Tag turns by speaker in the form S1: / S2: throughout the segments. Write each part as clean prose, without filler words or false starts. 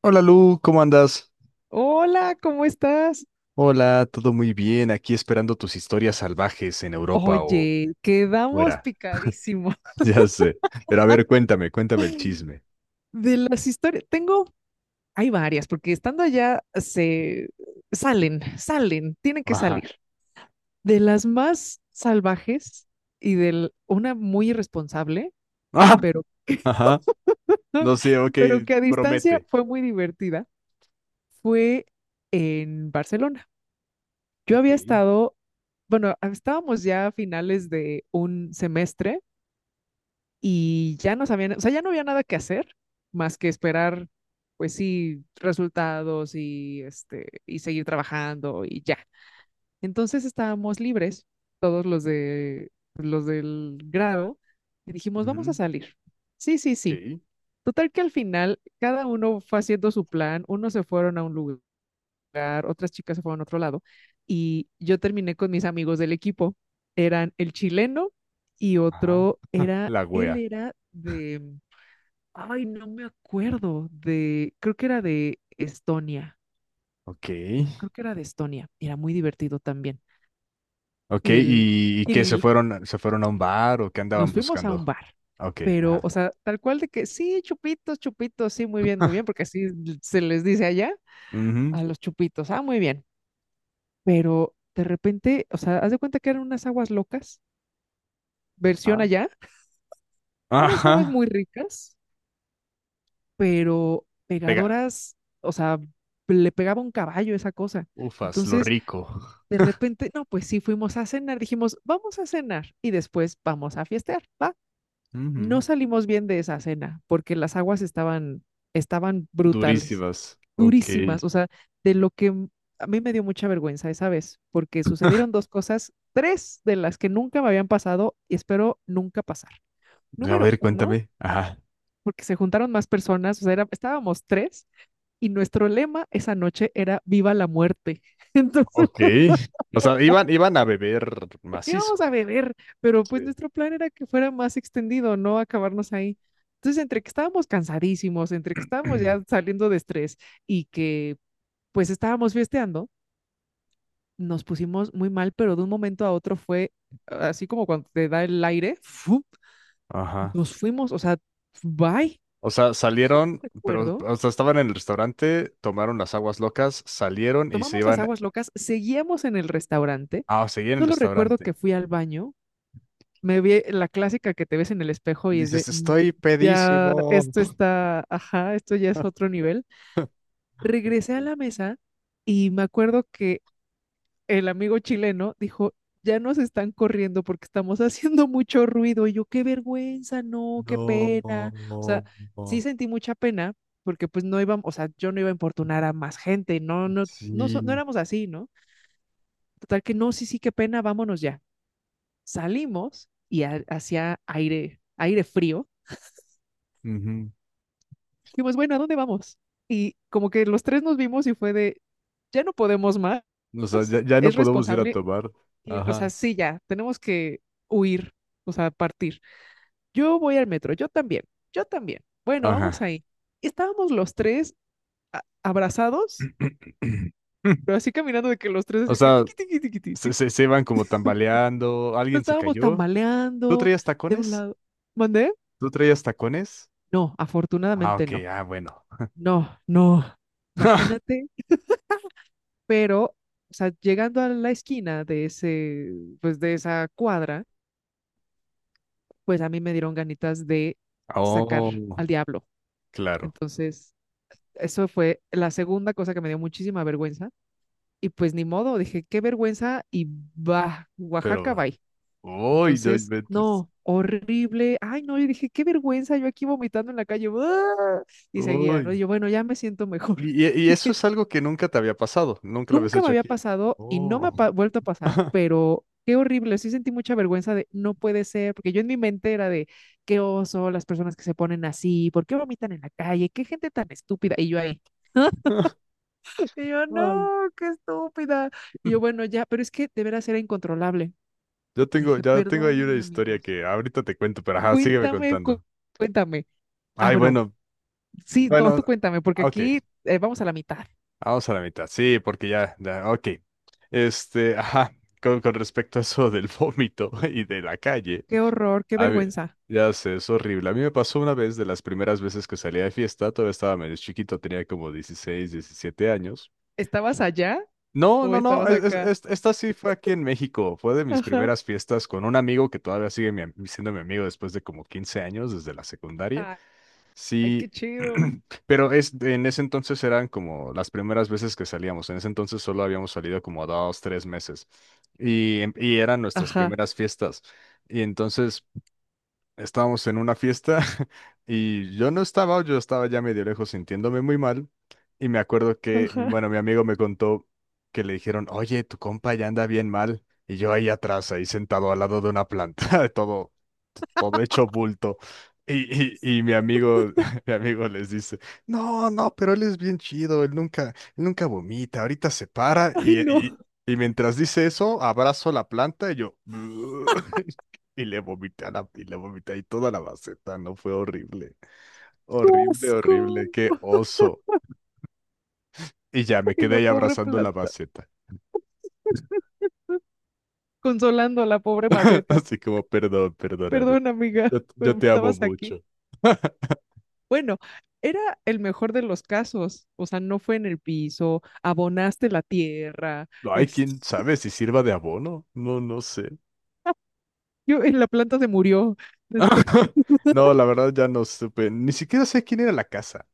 S1: Hola Lu, ¿cómo andas?
S2: Hola, ¿cómo estás?
S1: Hola, todo muy bien, aquí esperando tus historias salvajes en Europa o
S2: Oye, quedamos
S1: fuera.
S2: picadísimo
S1: Ya sé. Pero a ver, cuéntame, cuéntame el chisme.
S2: de las historias. Hay varias, porque estando allá se salen, tienen que
S1: Ajá.
S2: salir. De las más salvajes y de una muy irresponsable,
S1: Ajá.
S2: pero,
S1: Ajá. No sé, ok,
S2: pero que a distancia
S1: promete.
S2: fue muy divertida, fue en Barcelona. Yo
S1: Ok.
S2: había estado, bueno, estábamos ya a finales de un semestre y ya no sabían, o sea, ya no había nada que hacer más que esperar, pues sí, resultados y y seguir trabajando y ya. Entonces estábamos libres, todos los del grado, y dijimos, vamos a
S1: Ujú.
S2: salir. Sí, sí, sí.
S1: Ok.
S2: Total que al final cada uno fue haciendo su plan, unos se fueron a un lugar, otras chicas se fueron a otro lado y yo terminé con mis amigos del equipo. Eran el chileno y
S1: Ajá.
S2: otro era,
S1: La wea.
S2: ay, no me acuerdo, creo que era de Estonia,
S1: Ok.
S2: era muy divertido también.
S1: Ok,
S2: El
S1: ¿y qué? ¿Se
S2: Kirill,
S1: fueron, se fueron a un bar o qué andaban
S2: nos fuimos a un
S1: buscando?
S2: bar,
S1: Ok,
S2: pero,
S1: ajá.
S2: o sea, tal cual de que, sí, chupitos, chupitos, sí, muy bien, porque así se les dice allá
S1: Ujú.
S2: a los chupitos, ah, muy bien, pero de repente, o sea, haz de cuenta que eran unas aguas locas, versión
S1: Ajá.
S2: allá, unas aguas
S1: Ajá.
S2: muy ricas, pero
S1: Pega.
S2: pegadoras, o sea, le pegaba un caballo esa cosa.
S1: Ufas, lo
S2: Entonces,
S1: rico.
S2: de repente, no, pues sí, fuimos a cenar, dijimos, vamos a cenar y después vamos a fiestear, ¿va?
S1: Ujú.
S2: No salimos bien de esa cena porque las aguas estaban brutales,
S1: Durísimas. Ok.
S2: durísimas, o sea, de lo que m- a mí me dio mucha vergüenza esa vez porque sucedieron tres de las que nunca me habían pasado y espero nunca pasar.
S1: A
S2: Número
S1: ver,
S2: uno,
S1: cuéntame. Ajá.
S2: porque se juntaron más personas, o sea, estábamos tres y nuestro lema esa noche era Viva la muerte. Entonces,
S1: Ok. O sea, iban a beber
S2: íbamos
S1: macizo.
S2: a beber, pero pues
S1: Sí.
S2: nuestro plan era que fuera más extendido, no acabarnos ahí. Entonces, entre que estábamos cansadísimos, entre que estábamos ya saliendo de estrés y que pues estábamos fiesteando, nos pusimos muy mal, pero de un momento a otro fue así como cuando te da el aire, ¡fu!
S1: Ajá.
S2: Nos fuimos, o sea, bye,
S1: O sea, salieron, pero,
S2: recuerdo.
S1: o sea, estaban en el restaurante, tomaron las aguas locas, salieron y se
S2: Tomamos las
S1: iban
S2: aguas locas, seguíamos en el restaurante.
S1: a seguir en el
S2: Solo recuerdo
S1: restaurante.
S2: que fui al baño, me vi la clásica que te ves en el espejo y es de,
S1: Dices,
S2: "Mm,
S1: estoy
S2: ya,
S1: pedísimo.
S2: esto está, ajá, esto ya es otro nivel". Regresé a la mesa y me acuerdo que el amigo chileno dijo, ya nos están corriendo porque estamos haciendo mucho ruido. Y yo, qué vergüenza, no, qué
S1: No.
S2: pena. O sea, sí
S1: No.
S2: sentí mucha pena porque pues no íbamos, o sea, yo no iba a importunar a más gente, no, no, no, no
S1: Sí.
S2: éramos así, ¿no? Total que no, sí, sí, qué pena, vámonos ya. Salimos y hacía aire, aire frío.
S1: Ujú.
S2: Dijimos, bueno, ¿a dónde vamos? Y como que los tres nos vimos y fue de, ya no podemos más,
S1: O sea, ya, ya no
S2: es
S1: podemos ir a
S2: responsable,
S1: tomar.
S2: y, o sea,
S1: Ajá,
S2: sí, ya, tenemos que huir, o sea, partir. Yo voy al metro, yo también, yo también. Bueno, vamos
S1: ajá.
S2: ahí. Y estábamos los tres abrazados, pero así caminando de que los tres
S1: O
S2: así que
S1: sea,
S2: tiqui, tiqui, tiqui, tiqui,
S1: se,
S2: tiqui.
S1: se, se iban como tambaleando,
S2: Nos
S1: alguien se
S2: estábamos
S1: cayó. ¿Tú
S2: tambaleando
S1: traías
S2: de un
S1: tacones?
S2: lado. ¿Mandé?
S1: ¿Tú traías tacones?
S2: No,
S1: Ah,
S2: afortunadamente
S1: ok,
S2: no.
S1: ah, bueno.
S2: No, no. Imagínate, pero, o sea, llegando a la esquina de ese, pues de esa cuadra, pues a mí me dieron ganitas de sacar
S1: Oh,
S2: al diablo.
S1: claro,
S2: Entonces, eso fue la segunda cosa que me dio muchísima vergüenza. Y pues ni modo, dije, qué vergüenza, y va, Oaxaca,
S1: pero.
S2: bye.
S1: Uy, no
S2: Entonces,
S1: inventes.
S2: no, horrible. Ay, no, yo dije, qué vergüenza, yo aquí vomitando en la calle. ¡Ah! Y seguía, ¿no?
S1: Uy.
S2: Y yo, bueno, ya me siento mejor.
S1: Y eso es algo que nunca te había pasado, nunca lo habías
S2: Nunca me
S1: hecho
S2: había
S1: aquí.
S2: pasado y no me ha
S1: Oh.
S2: vuelto a pasar, pero qué horrible. Sí sentí mucha vergüenza de no puede ser, porque yo en mi mente era de qué oso, las personas que se ponen así, ¿por qué vomitan en la calle? ¿Qué gente tan estúpida? Y yo ahí, y yo,
S1: Ay.
S2: no, qué estúpida. Y yo, bueno, ya, pero es que de veras era incontrolable.
S1: Yo tengo,
S2: Dije,
S1: ya tengo ahí una
S2: perdónenme,
S1: historia
S2: amigos.
S1: que ahorita te cuento, pero ajá, sígueme
S2: Cuéntame,
S1: contando.
S2: cuéntame. Ah,
S1: Ay,
S2: bueno,
S1: bueno,
S2: sí, no, tú
S1: bueno,
S2: cuéntame, porque
S1: ok,
S2: aquí vamos a la mitad.
S1: vamos a la mitad, sí, porque ya, ya, ok. Este, ajá, con respecto a eso del vómito y de la calle.
S2: Qué horror, qué
S1: A mí-
S2: vergüenza.
S1: ya sé, es horrible. A mí me pasó una vez de las primeras veces que salía de fiesta, todavía estaba medio chiquito, tenía como 16 17 años.
S2: ¿Estabas allá
S1: No,
S2: o
S1: no, no,
S2: estabas acá?
S1: esta sí fue aquí en México, fue de mis
S2: Ajá.
S1: primeras fiestas con un amigo que todavía sigue siendo mi amigo después de como 15 años, desde la secundaria.
S2: Ay, qué
S1: Sí,
S2: chido.
S1: pero es, en ese entonces eran como las primeras veces que salíamos, en ese entonces solo habíamos salido como 2, 3 meses y eran nuestras
S2: Ajá,
S1: primeras fiestas. Y entonces estábamos en una fiesta y yo no estaba, yo estaba ya medio lejos sintiéndome muy mal. Y me acuerdo que,
S2: ajá.
S1: bueno, mi amigo me contó que le dijeron, oye, tu compa ya anda bien mal. Y yo ahí atrás, ahí sentado al lado de una planta, todo, todo hecho bulto. Y mi amigo, mi amigo les dice, no, no, pero él es bien chido, él nunca vomita, ahorita se para
S2: Ay,
S1: y, y,
S2: no,
S1: y mientras dice eso, abrazo la planta y yo, Y le vomité ahí toda la maceta, no fue horrible.
S2: qué
S1: Horrible, horrible,
S2: asco.
S1: qué oso. Y ya me
S2: Y
S1: quedé
S2: la
S1: ahí
S2: pobre
S1: abrazando la
S2: planta,
S1: maceta.
S2: consolando a la pobre maceta.
S1: Así como, perdón, perdóname.
S2: Perdón, amiga,
S1: Yo
S2: pero
S1: te amo
S2: estabas aquí.
S1: mucho.
S2: Bueno, era el mejor de los casos. O sea, no fue en el piso, abonaste la tierra.
S1: No hay
S2: Este,
S1: quien sabe si sirva de abono. No, no sé.
S2: yo, en la planta se murió después.
S1: No, la verdad ya no supe. Ni siquiera sé quién era la casa.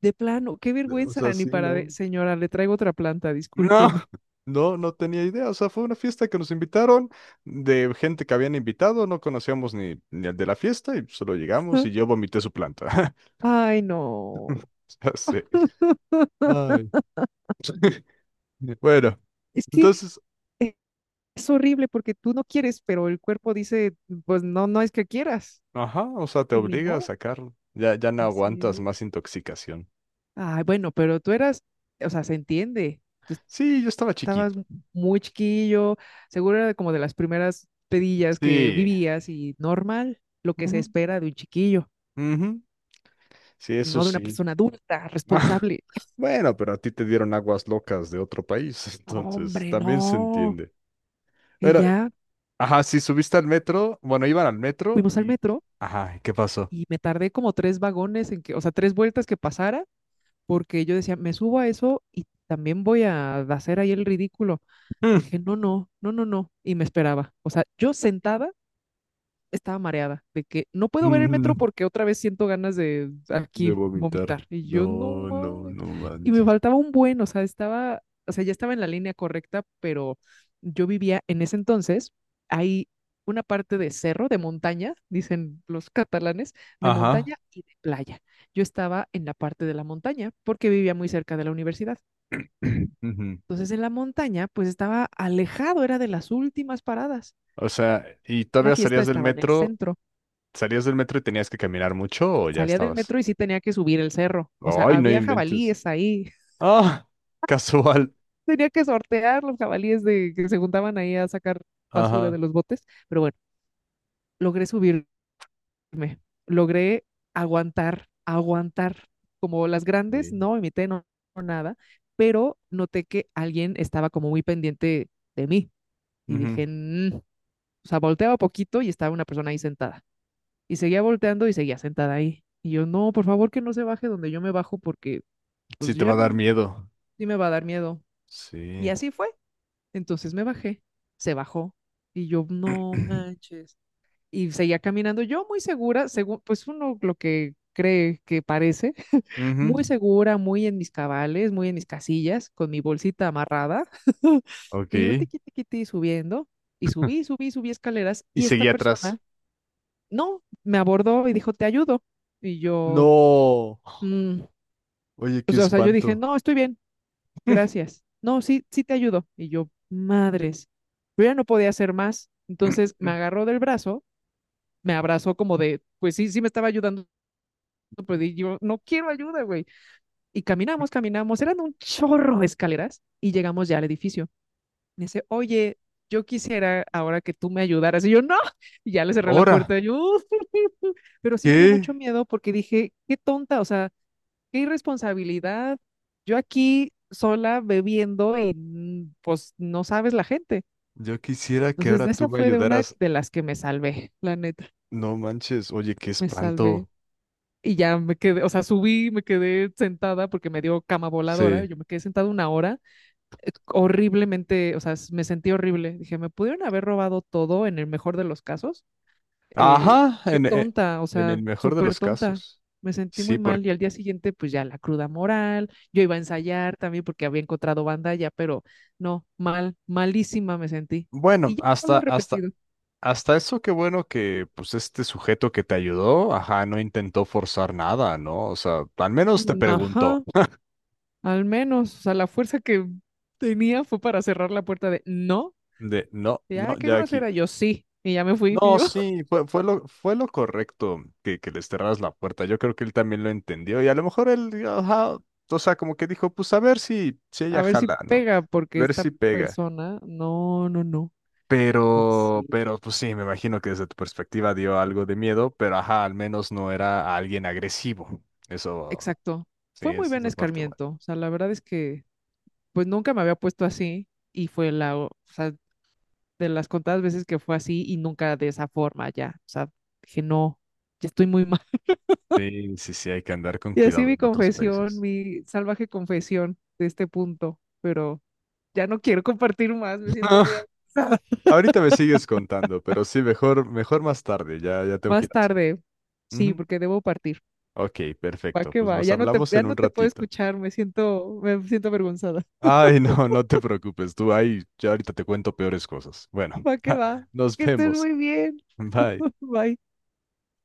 S2: De plano, qué
S1: O sea,
S2: vergüenza, ni
S1: sí,
S2: para
S1: no.
S2: señora, le traigo otra planta,
S1: No,
S2: discúlpeme.
S1: no, no tenía idea. O sea, fue una fiesta que nos invitaron de gente que habían invitado, no conocíamos ni al de la fiesta y solo llegamos y yo vomité su planta.
S2: Ay, no.
S1: Ya sé. Ay. Bueno,
S2: Es que
S1: entonces,
S2: es horrible porque tú no quieres, pero el cuerpo dice, pues no, no es que quieras.
S1: ajá, o sea, te
S2: Y ni
S1: obliga a
S2: modo.
S1: sacarlo. Ya, ya no
S2: Así
S1: aguantas más
S2: es.
S1: intoxicación.
S2: Ay, bueno, pero tú eras, o sea, se entiende. Tú
S1: Sí, yo estaba
S2: estabas
S1: chiquito.
S2: muy chiquillo, seguro era como de las primeras pedillas que
S1: Sí.
S2: vivías y normal, lo que se
S1: Ujú,
S2: espera de un chiquillo,
S1: ujú. Sí, eso
S2: no de una
S1: sí.
S2: persona adulta, responsable.
S1: Bueno, pero a ti te dieron aguas locas de otro país, entonces
S2: Hombre,
S1: también se
S2: no.
S1: entiende.
S2: Y
S1: Bueno.
S2: ya
S1: Ajá, sí, subiste al metro. Bueno, iban al metro
S2: fuimos al
S1: y.
S2: metro
S1: Ajá, ¿qué pasó?
S2: y me tardé como tres vagones en que, o sea, tres vueltas que pasara, porque yo decía, me subo a eso y también voy a hacer ahí el ridículo.
S1: Mm.
S2: Dije, no, no, no, no, no, y me esperaba. O sea, yo sentada estaba mareada, de que no puedo ver el metro
S1: Mm.
S2: porque otra vez siento ganas de
S1: De
S2: aquí
S1: vomitar.
S2: vomitar. Y yo, no
S1: No, no,
S2: mames.
S1: no
S2: Y me
S1: manches.
S2: faltaba un buen, o sea, ya estaba en la línea correcta, pero yo vivía en ese entonces, hay una parte de cerro, de montaña, dicen los catalanes, de
S1: Ajá.
S2: montaña y de playa. Yo estaba en la parte de la montaña porque vivía muy cerca de la universidad.
S1: Ujú.
S2: Entonces en la montaña, pues estaba alejado, era de las últimas paradas.
S1: O sea, ¿y
S2: La
S1: todavía
S2: fiesta
S1: salías del
S2: estaba en el
S1: metro?
S2: centro.
S1: ¿Salías del metro y tenías que caminar mucho o ya
S2: Salía del
S1: estabas?
S2: metro y sí tenía que subir el cerro. O sea,
S1: Ay, no
S2: había
S1: inventes.
S2: jabalíes ahí.
S1: Ah, casual.
S2: Tenía que sortear los jabalíes que se juntaban ahí a sacar basura
S1: Ajá.
S2: de los botes. Pero bueno, logré subirme, logré aguantar. Como las grandes,
S1: Sí.
S2: no imité, no, no nada, pero noté que alguien estaba como muy pendiente de mí y
S1: Ujú.
S2: dije, "Mm". O sea, volteaba poquito y estaba una persona ahí sentada. Y seguía volteando y seguía sentada ahí. Y yo, no, por favor que no se baje donde yo me bajo porque pues
S1: Sí, te
S2: ya
S1: va a
S2: no.
S1: dar miedo.
S2: Sí me va a dar miedo. Y
S1: Sí.
S2: así fue. Entonces me bajé, se bajó y yo, no manches. Y seguía caminando yo muy segura, según, pues uno lo que cree que parece,
S1: Ujú.
S2: muy segura, muy en mis cabales, muy en mis casillas, con mi bolsita amarrada.
S1: Ok.
S2: Y yo tiqui, tiqui, tiqui, subiendo, y subí escaleras
S1: Y
S2: y esta
S1: seguí atrás.
S2: persona, no, me abordó y dijo, te ayudo. Y yo,
S1: No.
S2: "Mm".
S1: Oye, qué
S2: O sea, yo dije,
S1: espanto.
S2: no, estoy bien, gracias. No, sí, sí te ayudo. Y yo, madres. Yo ya no podía hacer más. Entonces me agarró del brazo, me abrazó como de, pues sí, sí me estaba ayudando, pero yo no quiero ayuda, güey. Y caminamos, eran un chorro de escaleras y llegamos ya al edificio. Me dice, oye, yo quisiera ahora que tú me ayudaras. Y yo, no, y ya le cerré la
S1: Ahora,
S2: puerta. Y yo". Pero sí me dio
S1: ¿qué?
S2: mucho miedo porque dije, qué tonta, o sea, qué irresponsabilidad. Yo aquí sola bebiendo y mm, pues no sabes la gente.
S1: Yo quisiera que
S2: Entonces,
S1: ahora
S2: de
S1: tú
S2: esa
S1: me
S2: fue de una
S1: ayudaras.
S2: de las que me salvé, la neta,
S1: No manches, oye, qué
S2: me salvé.
S1: espanto.
S2: Y ya me quedé, o sea, subí, me quedé sentada porque me dio cama voladora.
S1: Sí.
S2: Yo me quedé sentada una hora, horriblemente, o sea, me sentí horrible. Dije, me pudieron haber robado todo en el mejor de los casos. Eh,
S1: Ajá,
S2: qué
S1: en, e-
S2: tonta, o
S1: en
S2: sea,
S1: el mejor de
S2: súper
S1: los
S2: tonta.
S1: casos.
S2: Me sentí muy
S1: Sí,
S2: mal y
S1: porque,
S2: al día siguiente, pues ya la cruda moral. Yo iba a ensayar también porque había encontrado banda ya, pero no, mal, malísima me sentí.
S1: bueno,
S2: Y ya no
S1: hasta,
S2: lo he
S1: hasta,
S2: repetido.
S1: hasta eso, qué bueno que, pues, este sujeto que te ayudó, ajá, no intentó forzar nada, ¿no? O sea, al menos te
S2: Mm,
S1: preguntó.
S2: ajá. Al menos, o sea, la fuerza que tenía fue para cerrar la puerta de no.
S1: De, no, no,
S2: Ya, qué
S1: ya aquí.
S2: grosera. Yo sí. Y ya me fui. Y
S1: No,
S2: yo,
S1: sí, fue lo correcto que les cerraras la puerta. Yo creo que él también lo entendió y a lo mejor él, ajá, o sea, como que dijo, pues a ver si ella
S2: a ver si
S1: jala, ¿no?
S2: pega, porque
S1: Ver
S2: esta
S1: si pega.
S2: persona, no, no, no. Ya
S1: Pero,
S2: sí.
S1: pero, pues sí, me imagino que desde tu perspectiva dio algo de miedo, pero ajá, al menos no era alguien agresivo. Eso,
S2: Exacto.
S1: sí,
S2: Fue muy
S1: esa es
S2: buen
S1: la parte buena.
S2: escarmiento. O sea, la verdad es que, pues nunca me había puesto así. Y fue la, o sea, de las contadas veces que fue así y nunca de esa forma ya. O sea, dije, no, ya estoy muy mal.
S1: Sí, sí, sí, hay que andar con
S2: Y así
S1: cuidado
S2: mi
S1: en otros
S2: confesión,
S1: países.
S2: mi salvaje confesión de este punto. Pero ya no quiero compartir más, me siento muy amenazada.
S1: Ahorita me sigues contando, pero sí, mejor, mejor más tarde, ya, ya tengo que
S2: Más
S1: ir a hacer.
S2: tarde, sí,
S1: Ujú.
S2: porque debo partir.
S1: Ok,
S2: Va
S1: perfecto.
S2: que
S1: Pues
S2: va,
S1: nos hablamos
S2: ya
S1: en un
S2: no te puedo
S1: ratito.
S2: escuchar, me siento avergonzada.
S1: Ay, no, no te preocupes, tú ahí, ya ahorita te cuento peores cosas. Bueno,
S2: Va,
S1: nos
S2: que estés
S1: vemos.
S2: muy bien.
S1: Bye.
S2: Bye.